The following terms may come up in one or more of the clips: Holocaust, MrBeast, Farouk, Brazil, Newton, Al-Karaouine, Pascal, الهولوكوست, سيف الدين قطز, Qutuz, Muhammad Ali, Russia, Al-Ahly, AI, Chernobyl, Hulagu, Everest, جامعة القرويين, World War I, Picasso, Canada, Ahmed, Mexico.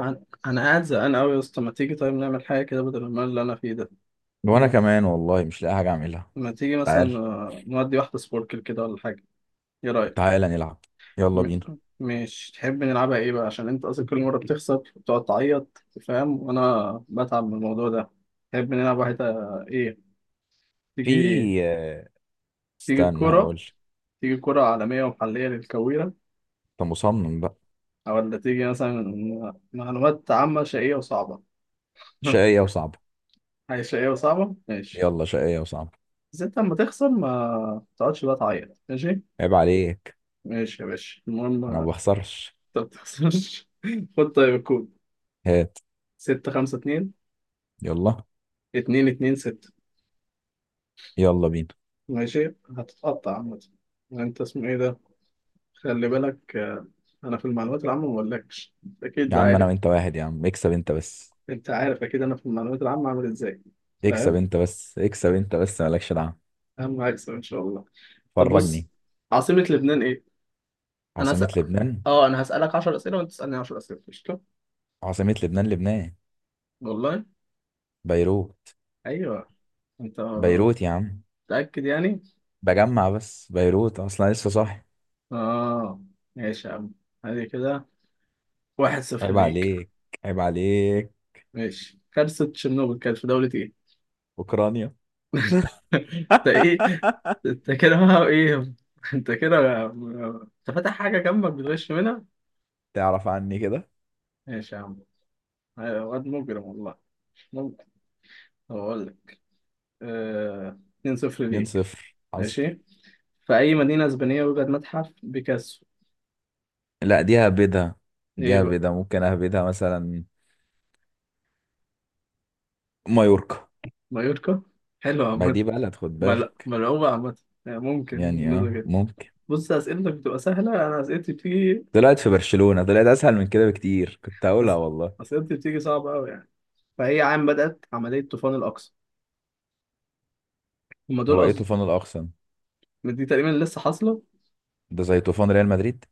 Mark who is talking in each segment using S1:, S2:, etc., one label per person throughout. S1: أنا قاعد زهقان أوي يا اسطى، ما تيجي طيب نعمل حاجة كده بدل المال اللي أنا فيه ده.
S2: وانا
S1: ما,
S2: كمان والله مش لاقي حاجه اعملها.
S1: ما تيجي مثلا
S2: تعال.
S1: نودي واحدة سبوركل كده ولا حاجة. إيه رأيك؟
S2: تعال نلعب. يلا
S1: م...
S2: بينا.
S1: مش تحب نلعبها إيه بقى عشان أنت أصلا كل مرة بتخسر بتقعد تعيط فاهم، وأنا بتعب من الموضوع ده. تحب نلعب واحدة؟ إيه؟
S2: في
S1: تيجي،
S2: آه،
S1: تيجي
S2: استنى
S1: الكورة،
S2: هقول.
S1: تيجي الكورة عالمية ومحلية للكويرة،
S2: انت مصمم بقى.
S1: أو ولا تيجي مثلا معلومات عامة شقية وصعبة.
S2: شقيه وصعبه.
S1: حاجة شقية وصعبة، ماشي.
S2: يلا شقيه وصعبه.
S1: بس أنت لما تخسر ما تقعدش بقى تعيط، ماشي.
S2: عيب عليك.
S1: ماشي يا باشا، المهم
S2: انا ما
S1: ما
S2: بخسرش.
S1: تخسرش. خد طيب الكود.
S2: هات.
S1: ستة خمسة اتنين،
S2: يلا.
S1: اتنين اتنين ستة.
S2: يلا بينا.
S1: ماشي، هتتقطع عامة. انت اسمه ايه ده؟ خلي بالك انا في المعلومات العامة ما بقولكش، اكيد
S2: يا
S1: ده
S2: عم انا
S1: عارف.
S2: وانت واحد، يا عم. اكسب انت بس،
S1: انت عارف اكيد انا في المعلومات العامة عامل ازاي؟
S2: اكسب
S1: فاهم،
S2: انت بس، اكسب انت بس، مالكش دعوه.
S1: اهم هكسب ان شاء الله. طب بص،
S2: فرجني.
S1: عاصمة لبنان ايه؟ انا
S2: عاصمه
S1: هسأل،
S2: لبنان.
S1: اه انا هسألك 10 اسئلة وانت تسألني 10 اسئلة، قشطة؟
S2: عاصمه لبنان، لبنان.
S1: والله؟
S2: بيروت.
S1: ايوه. انت
S2: بيروت يا عم،
S1: متأكد يعني؟
S2: بجمع بس. بيروت اصلا لسه صاحي.
S1: اه، ماشي يا عم. هذه كده، واحد صفر
S2: عيب
S1: ليك.
S2: عليك. عيب عليك.
S1: ماشي، كارثة تشيرنوبل كانت في دولة ايه؟
S2: اوكرانيا.
S1: انت ايه؟ انت كده بقى ايه؟ انت فاتح حاجة جنبك بتغش منها؟
S2: تعرف عني كده.
S1: ماشي يا عم. أيوة، واد مجرم والله. ممكن. طب أقول لك، آه... 2-0
S2: 2
S1: ليك.
S2: 0 حصل.
S1: ماشي، في أي مدينة إسبانية يوجد متحف بيكاسو؟
S2: لا دي هبدها، دي
S1: إيه بقى؟
S2: هبدها ممكن اهبدها مثلا. مايوركا.
S1: مايوركا؟ حلو
S2: ما
S1: عامة.
S2: دي بلد، خد بالك.
S1: ملعوبة عامة، يعني ممكن
S2: يعني
S1: بالنسبة
S2: اه
S1: كده.
S2: ممكن.
S1: بص، أسئلتك بتبقى سهلة، أنا أسئلتي بتيجي،
S2: طلعت في برشلونة، طلعت اسهل من كده بكتير. كنت هقولها
S1: أس...
S2: والله.
S1: أسئلتي بتيجي صعبة أوي يعني. فهي عام بدأت عملية طوفان الأقصى؟ هما دول
S2: هو ايه
S1: قصدي،
S2: طوفان الاقصم؟
S1: دي تقريبا لسه حاصلة.
S2: ده زي طوفان ريال مدريد.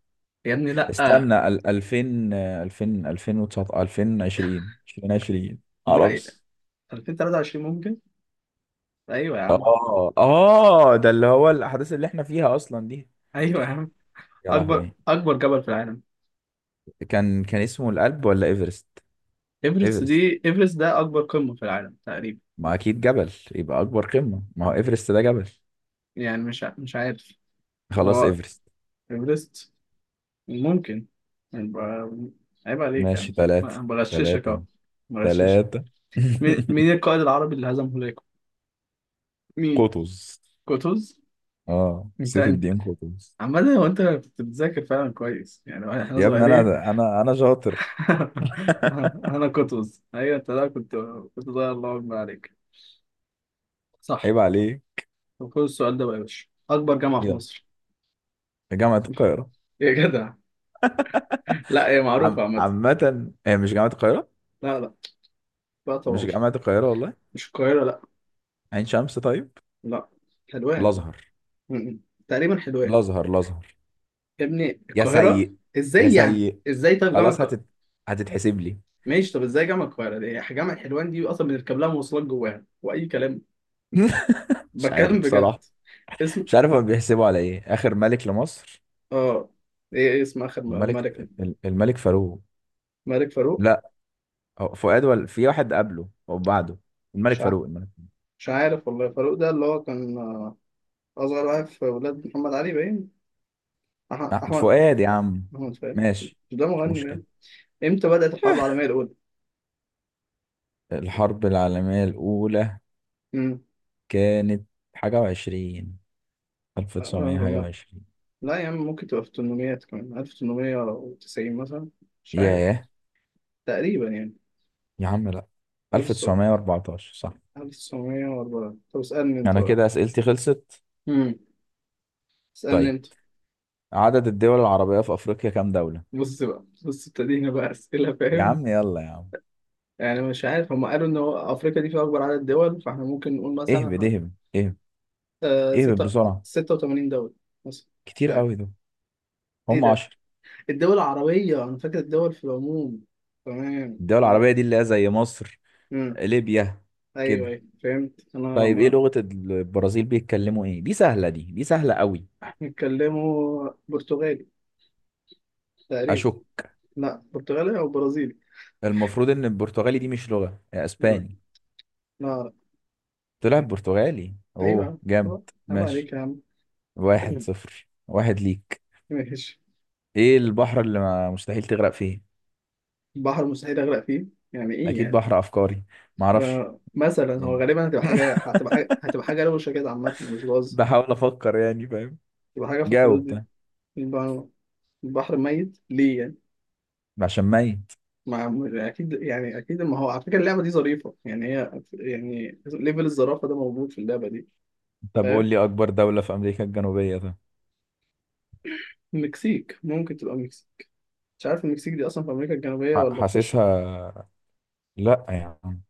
S1: يا ابني لأ.
S2: استنى 2000، 2000، 2019، 2020، 2020.
S1: لا.
S2: معرفش.
S1: 2023 ممكن. أيوة يا عم.
S2: اه اه، ده اللي هو الاحداث اللي احنا فيها اصلا دي.
S1: أيوة يا عم.
S2: يا
S1: أكبر
S2: لهوي.
S1: أكبر جبل في العالم؟
S2: كان اسمه الألب ولا ايفرست؟
S1: إيفرست،
S2: ايفرست.
S1: دي إيفرست ده أكبر قمة في العالم تقريبا.
S2: ما اكيد جبل يبقى اكبر قمة، ما هو ايفرست ده جبل.
S1: يعني مش عارف،
S2: خلاص
S1: هو
S2: ايفرست.
S1: إيفرست، ممكن، يبقى عيب عليك
S2: ماشي.
S1: يعني
S2: ثلاثة.
S1: أنا بغششك أهو،
S2: ثلاثة.
S1: بغششك.
S2: ثلاثة.
S1: مين مين القائد العربي اللي هزم هولاكو؟ مين؟
S2: قطز.
S1: قطز؟
S2: اه
S1: انت
S2: سيف
S1: انت
S2: الدين قطز.
S1: عمال هو، انت كنت بتذاكر فعلا كويس يعني احنا
S2: يا ابني انا،
S1: صغيرين.
S2: انا شاطر.
S1: انا قطز، ايوه انت ده كنت، كنت ضايع، الله اكبر عليك. صح.
S2: عيب عليك.
S1: طب خد السؤال ده بقى يا باشا، اكبر جامعه في
S2: يلا.
S1: مصر.
S2: جامعة القاهرة.
S1: يا جدع، لا هي معروفه عامه.
S2: عامة، هي مش جامعة القاهرة؟
S1: لا لا. لا طبعا
S2: مش
S1: مش،
S2: جامعة القاهرة والله.
S1: مش القاهره لا.
S2: عين شمس طيب.
S1: لا حلوان.
S2: الأزهر.
S1: م- م. تقريبا حلوان.
S2: الأزهر. الأزهر.
S1: يا ابني
S2: يا
S1: القاهره؟
S2: سيء. يا
S1: ازاي يعني؟
S2: سيء.
S1: ازاي طيب جامعه
S2: خلاص
S1: القاهره؟
S2: هتتحسب لي.
S1: ماشي طب ازاي جامعه القاهره، دي جامعه حلوان دي اصلا بنركب لها مواصلات جواها واي كلام.
S2: مش عارف
S1: بتكلم بجد.
S2: بصراحة.
S1: اسم،
S2: مش عارف هم بيحسبوا على ايه. اخر ملك لمصر.
S1: اه ايه، إيه اسم اخر
S2: الملك
S1: الملك؟
S2: الملك فاروق.
S1: الملك فاروق؟
S2: لا، هو فؤاد ولا في واحد قبله او بعده؟ الملك
S1: مش عارف.
S2: فاروق. الملك.
S1: مش عارف والله، فاروق ده اللي هو كان أصغر واحد في ولاد محمد علي باين.
S2: آه،
S1: أحمد
S2: فؤاد يا عم.
S1: أحمد، فاهم. مش
S2: ماشي.
S1: ده
S2: مش
S1: مغني باين.
S2: مشكلة.
S1: إمتى بدأت الحرب العالمية الأولى؟
S2: الحرب العالمية الأولى
S1: امم
S2: كانت حاجة وعشرين، ألف
S1: آه،
S2: تسعمية حاجة
S1: آه،
S2: وعشرين.
S1: لا يا عم، ممكن تبقى في التمنميات كمان، 1890 مثلا. مش عارف،
S2: ياه.
S1: تقريبا يعني.
S2: يا عم لأ، 1914 صح.
S1: 1904. طب اسألني أنت
S2: أنا
S1: بقى.
S2: كده أسئلتي خلصت.
S1: امم اسألني
S2: طيب،
S1: أنت.
S2: عدد الدول العربية في أفريقيا كام دولة؟
S1: بص بقى، بص ابتدينا بقى أسئلة
S2: يا
S1: فاهم،
S2: عم يلا يا عم.
S1: يعني مش عارف. هم قالوا إن هو أفريقيا دي فيها أكبر عدد دول، فإحنا ممكن نقول
S2: اهبد
S1: مثلا
S2: اهبد اهبد. ايه بقى
S1: ستة،
S2: بسرعة.
S1: ستة وتمانين دولة مثلا. مش
S2: كتير
S1: عارف.
S2: قوي دول.
S1: ايه
S2: هم
S1: ده؟
S2: عشر.
S1: الدول العربية، أنا فاكر الدول في العموم. تمام،
S2: الدول
S1: تمام.
S2: العربية دي اللي هي زي مصر،
S1: مم.
S2: ليبيا،
S1: أيوه
S2: كده.
S1: أيوه فهمت أنا،
S2: طيب ايه
S1: ما.
S2: لغة البرازيل، بيتكلموا ايه؟ دي سهلة، دي سهلة قوي.
S1: بيتكلموا برتغالي تقريبا.
S2: اشك.
S1: لا برتغالي أو برازيلي.
S2: المفروض ان البرتغالي دي مش لغة، يا
S1: لا،
S2: اسباني.
S1: لا أعرف.
S2: طلع برتغالي.
S1: أيوه يا
S2: اوه
S1: عم.
S2: جامد.
S1: طبعا. عيب
S2: ماشي.
S1: عليك يا عم.
S2: واحد صفر واحد ليك.
S1: ماشي.
S2: ايه البحر اللي ما مستحيل تغرق فيه؟
S1: بحر مستحيل أغرق فيه؟ يعني إيه
S2: اكيد
S1: يعني؟
S2: بحر افكاري.
S1: ف-
S2: معرفش
S1: مثلا هو
S2: يعني.
S1: غالبا هتبقى حاجة، هتبقى حاجة، هتبقى حاجة روشة كده عامة مش باظ،
S2: بحاول افكر، يعني فاهم.
S1: تبقى حاجة في الحدود
S2: جاوب
S1: دي.
S2: طيب.
S1: البحر، البحر ميت ليه يعني؟
S2: عشان ميت.
S1: ما اكيد يعني، اكيد ما هو. على فكره اللعبه دي ظريفه يعني، هي يعني ليفل الظرافه ده موجود في اللعبه دي.
S2: طب قول
S1: فاهم.
S2: لي اكبر دولة في امريكا الجنوبية طيب.
S1: المكسيك، ممكن تبقى المكسيك، مش عارف المكسيك دي اصلا في امريكا الجنوبيه ولا في
S2: حاسسها. لا يا عم.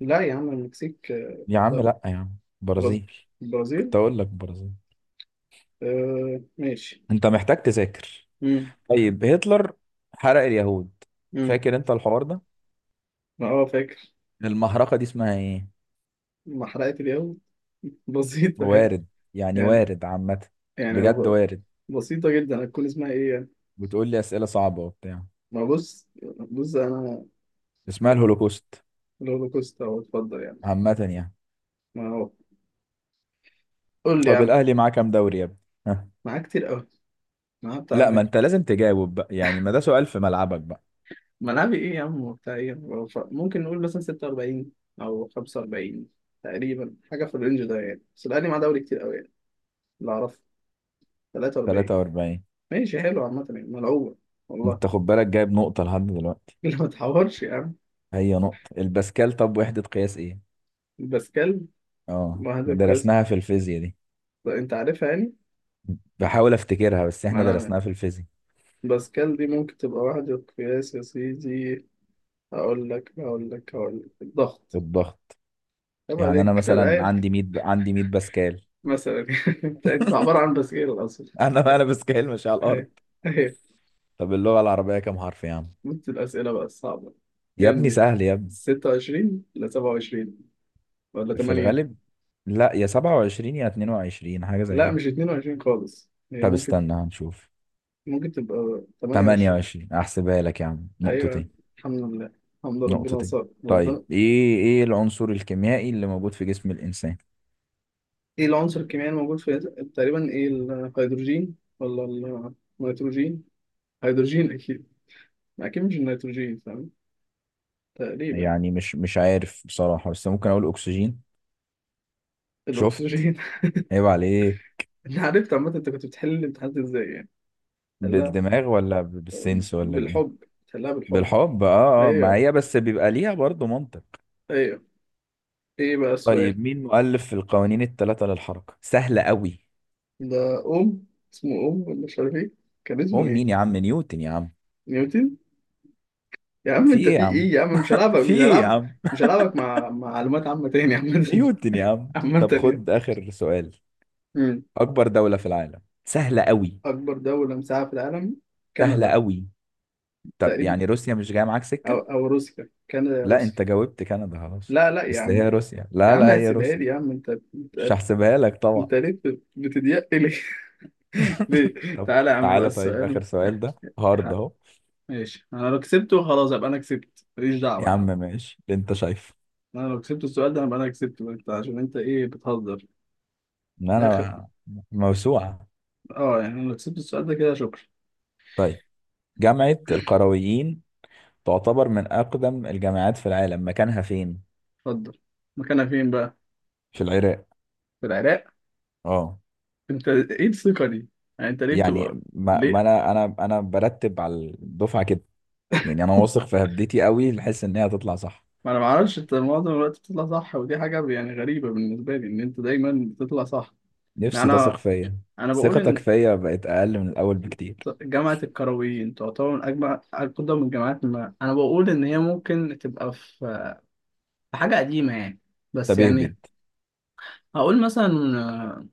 S1: لا يا عم المكسيك
S2: يا عم
S1: لا.
S2: لا يا عم،
S1: برز...
S2: برازيل.
S1: البرازيل.
S2: كنت اقول لك برازيل.
S1: آه ماشي.
S2: انت محتاج تذاكر.
S1: امم
S2: طيب. هتلر حرق اليهود،
S1: امم
S2: فاكر انت الحوار ده.
S1: ما هو فاكر.
S2: المهرجة دي اسمها ايه؟
S1: ما حرقت اليوم. بسيطه يعني،
S2: وارد. يعني
S1: يعني،
S2: وارد عامة.
S1: يعني
S2: بجد
S1: هو
S2: وارد.
S1: بسيطه جدا، هتكون اسمها ايه يعني؟
S2: بتقول لي اسئلة صعبة وبتاع.
S1: ما بص، بص انا.
S2: اسمها الهولوكوست.
S1: الهولوكوست، اهو اتفضل يعني.
S2: عامة يعني.
S1: ما هو، قول لي يا
S2: طب
S1: عم.
S2: الاهلي معاه كام دوري يا ابني؟ ها؟
S1: معاك كتير، ما هو بتاع
S2: لا، ما انت لازم تجاوب بقى يعني، ما ده سؤال في ملعبك بقى.
S1: ملعبي ايه يا عم وبتاع ايه هو ممكن نقول مثلا 46 او 45 تقريبا، حاجه في الرينج ده يعني، بس الاهلي معاه دوري كتير قوي يعني. اللي اعرفه 43.
S2: 43.
S1: ماشي حلو عامه يعني، ملعوبه والله.
S2: انت خد بالك، جايب نقطة لحد دلوقتي.
S1: اللي ما تحورش يا عم.
S2: هي نقطة الباسكال. طب وحدة قياس ايه؟
S1: باسكال،
S2: اه
S1: واحد القياس.
S2: درسناها في الفيزياء دي.
S1: طب انت عارفها يعني؟
S2: بحاول افتكرها، بس
S1: ما
S2: احنا
S1: انا
S2: درسناها في الفيزياء.
S1: باسكال دي ممكن تبقى واحد القياس يا سيدي. هقول لك، هقول لك، هقول لك الضغط.
S2: الضغط.
S1: عيب
S2: يعني انا
S1: عليك، انا
S2: مثلا
S1: عارف.
S2: عندي 100، عندي 100 باسكال.
S1: مثلا. انت عباره عن باسكال اصلا.
S2: انا، باسكال مش على الارض.
S1: أيوة. أيوه.
S2: طب اللغة العربية كام حرف يا عم؟
S1: نفس الأسئلة بقى الصعبة.
S2: يا
S1: كام
S2: ابني
S1: دي؟
S2: سهل يا ابني.
S1: 26 ولا 27 ولا
S2: في
S1: 8.
S2: الغالب لا، يا 27 يا 22، حاجة زي
S1: لا
S2: كده.
S1: مش 22 خالص، هي
S2: طب
S1: ممكن،
S2: استنى هنشوف.
S1: ممكن تبقى 28.
S2: 28. احسبها لك يا عم،
S1: أيوة،
S2: نقطتين.
S1: الحمد لله، الحمد لله، ربنا
S2: نقطتين.
S1: صار
S2: طيب،
S1: ربنا.
S2: ايه العنصر الكيميائي اللي موجود في جسم الانسان؟
S1: إيه العنصر الكيميائي الموجود في؟ تقريبا إيه، الهيدروجين ولا النيتروجين؟ هيدروجين أكيد، أكيد مش النيتروجين، فاهم، تقريبا.
S2: يعني مش عارف بصراحة، بس ممكن أقول أكسجين. شفت؟
S1: الأكسجين؟
S2: عيب عليه.
S1: أنا عرفت عامة أنت كنت بتحل الامتحانات إزاي يعني. حلها
S2: بالدماغ ولا بالسنس ولا بإيه؟
S1: بالحب. حلها بالحب.
S2: بالحب. اه اه، ما
S1: أيوه.
S2: هي بس بيبقى ليها برضه منطق.
S1: ايوه. ايه بقى السؤال؟
S2: طيب مين مؤلف القوانين الثلاثة للحركة؟ سهلة قوي.
S1: ده، أم، اسمه أم ولا مش عارف إيه؟ كان اسمه
S2: هم
S1: إيه؟
S2: مين يا عم؟ نيوتن يا عم.
S1: نيوتن، يا عم
S2: في
S1: أنت
S2: ايه
S1: في
S2: يا عم؟
S1: إيه يا عم، مش هلعبك،
S2: في
S1: مش
S2: ايه يا
S1: هلعبك،
S2: عم؟
S1: مش هلعبك مع معلومات عامة تاني عامة.
S2: نيوتن يا عم.
S1: عامة
S2: طب
S1: يعني.
S2: خد آخر سؤال.
S1: مم.
S2: أكبر دولة في العالم. سهلة قوي.
S1: أكبر دولة مساحة في العالم،
S2: سهلة
S1: كندا.
S2: قوي. طب
S1: تقريبا،
S2: يعني روسيا مش جاية معاك
S1: أو،
S2: سكة؟
S1: أو روسيا، كندا يا
S2: لا،
S1: روسيا.
S2: انت جاوبت كندا خلاص.
S1: لا لا يا
S2: بس
S1: عم،
S2: هي روسيا.
S1: يا
S2: لا
S1: عم
S2: لا، هي
S1: هسيبها لي
S2: روسيا.
S1: يا عم. أنت
S2: مش
S1: أنت,
S2: هحسبها لك طبعا.
S1: انت ليه بتضيق لي؟ ليه؟
S2: طب
S1: تعالى يا عم بقى
S2: تعالى طيب،
S1: السؤال.
S2: آخر سؤال ده هارد أهو.
S1: ماشي، أنا لو كسبته خلاص أبقى أنا كسبت، ماليش
S2: يا
S1: دعوة.
S2: عم
S1: أنا
S2: ماشي اللي أنت شايفه،
S1: انا لو كسبت السؤال ده هبقى انا كسبت بقى، انت عشان انت ايه، بتهزر
S2: إن
S1: الاخر؟
S2: أنا موسوعة.
S1: اه يعني انا لو كسبت السؤال ده كده، شكرا.
S2: طيب، جامعة القرويين تعتبر من أقدم الجامعات في العالم، مكانها فين؟
S1: اتفضل. مكانها فين بقى؟
S2: في العراق.
S1: في العراق؟
S2: اه.
S1: انت ايه الثقة دي يعني، انت ليه
S2: يعني
S1: بتبقى،
S2: ما
S1: ليه؟
S2: أنا، أنا برتب على الدفعة كده. يعني أنا واثق في هبدتي قوي، لحس إن هي هتطلع صح.
S1: ما انا معرفش، انت معظم الوقت بتطلع صح، ودي حاجة يعني غريبة بالنسبة لي ان انت دايما بتطلع صح. يعني
S2: نفسي تثق
S1: انا،
S2: فيا.
S1: انا بقول
S2: ثقتك
S1: ان
S2: فيا بقت أقل من الأول بكتير.
S1: جامعة الكرويين تعتبر من أجمع أقدم الجامعات، ما أنا بقول إن هي ممكن تبقى في، في حاجة قديمة يعني، بس
S2: طب
S1: يعني
S2: اهبد.
S1: هقول مثلا آه،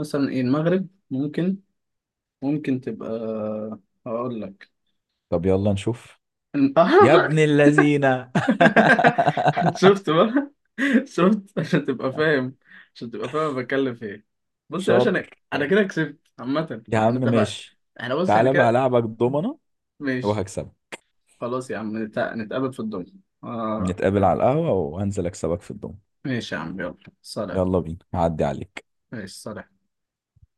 S1: مثلا ايه، المغرب ممكن، ممكن تبقى، هقول لك.
S2: طب يلا نشوف. يا ابن اللذينة.
S1: شفت بقى، شفت عشان تبقى فاهم، عشان تبقى فاهم أنا بتكلم في ايه. بص يا باشا،
S2: شاطر
S1: انا كده
S2: شاطر
S1: كسبت عامة،
S2: يا عم.
S1: احنا اتفقنا.
S2: ماشي.
S1: احنا بص احنا
S2: تعالى بقى
S1: كده،
S2: هلعبك ضمنة
S1: ماشي.
S2: وهكسبك.
S1: خلاص يا عم نتقابل في الدنيا. آه.
S2: نتقابل على القهوة وهنزل اكسبك في الضمنة.
S1: ماشي يا عم يلا سلام.
S2: يلا بينا، هعدي عليك.
S1: ماشي سلام.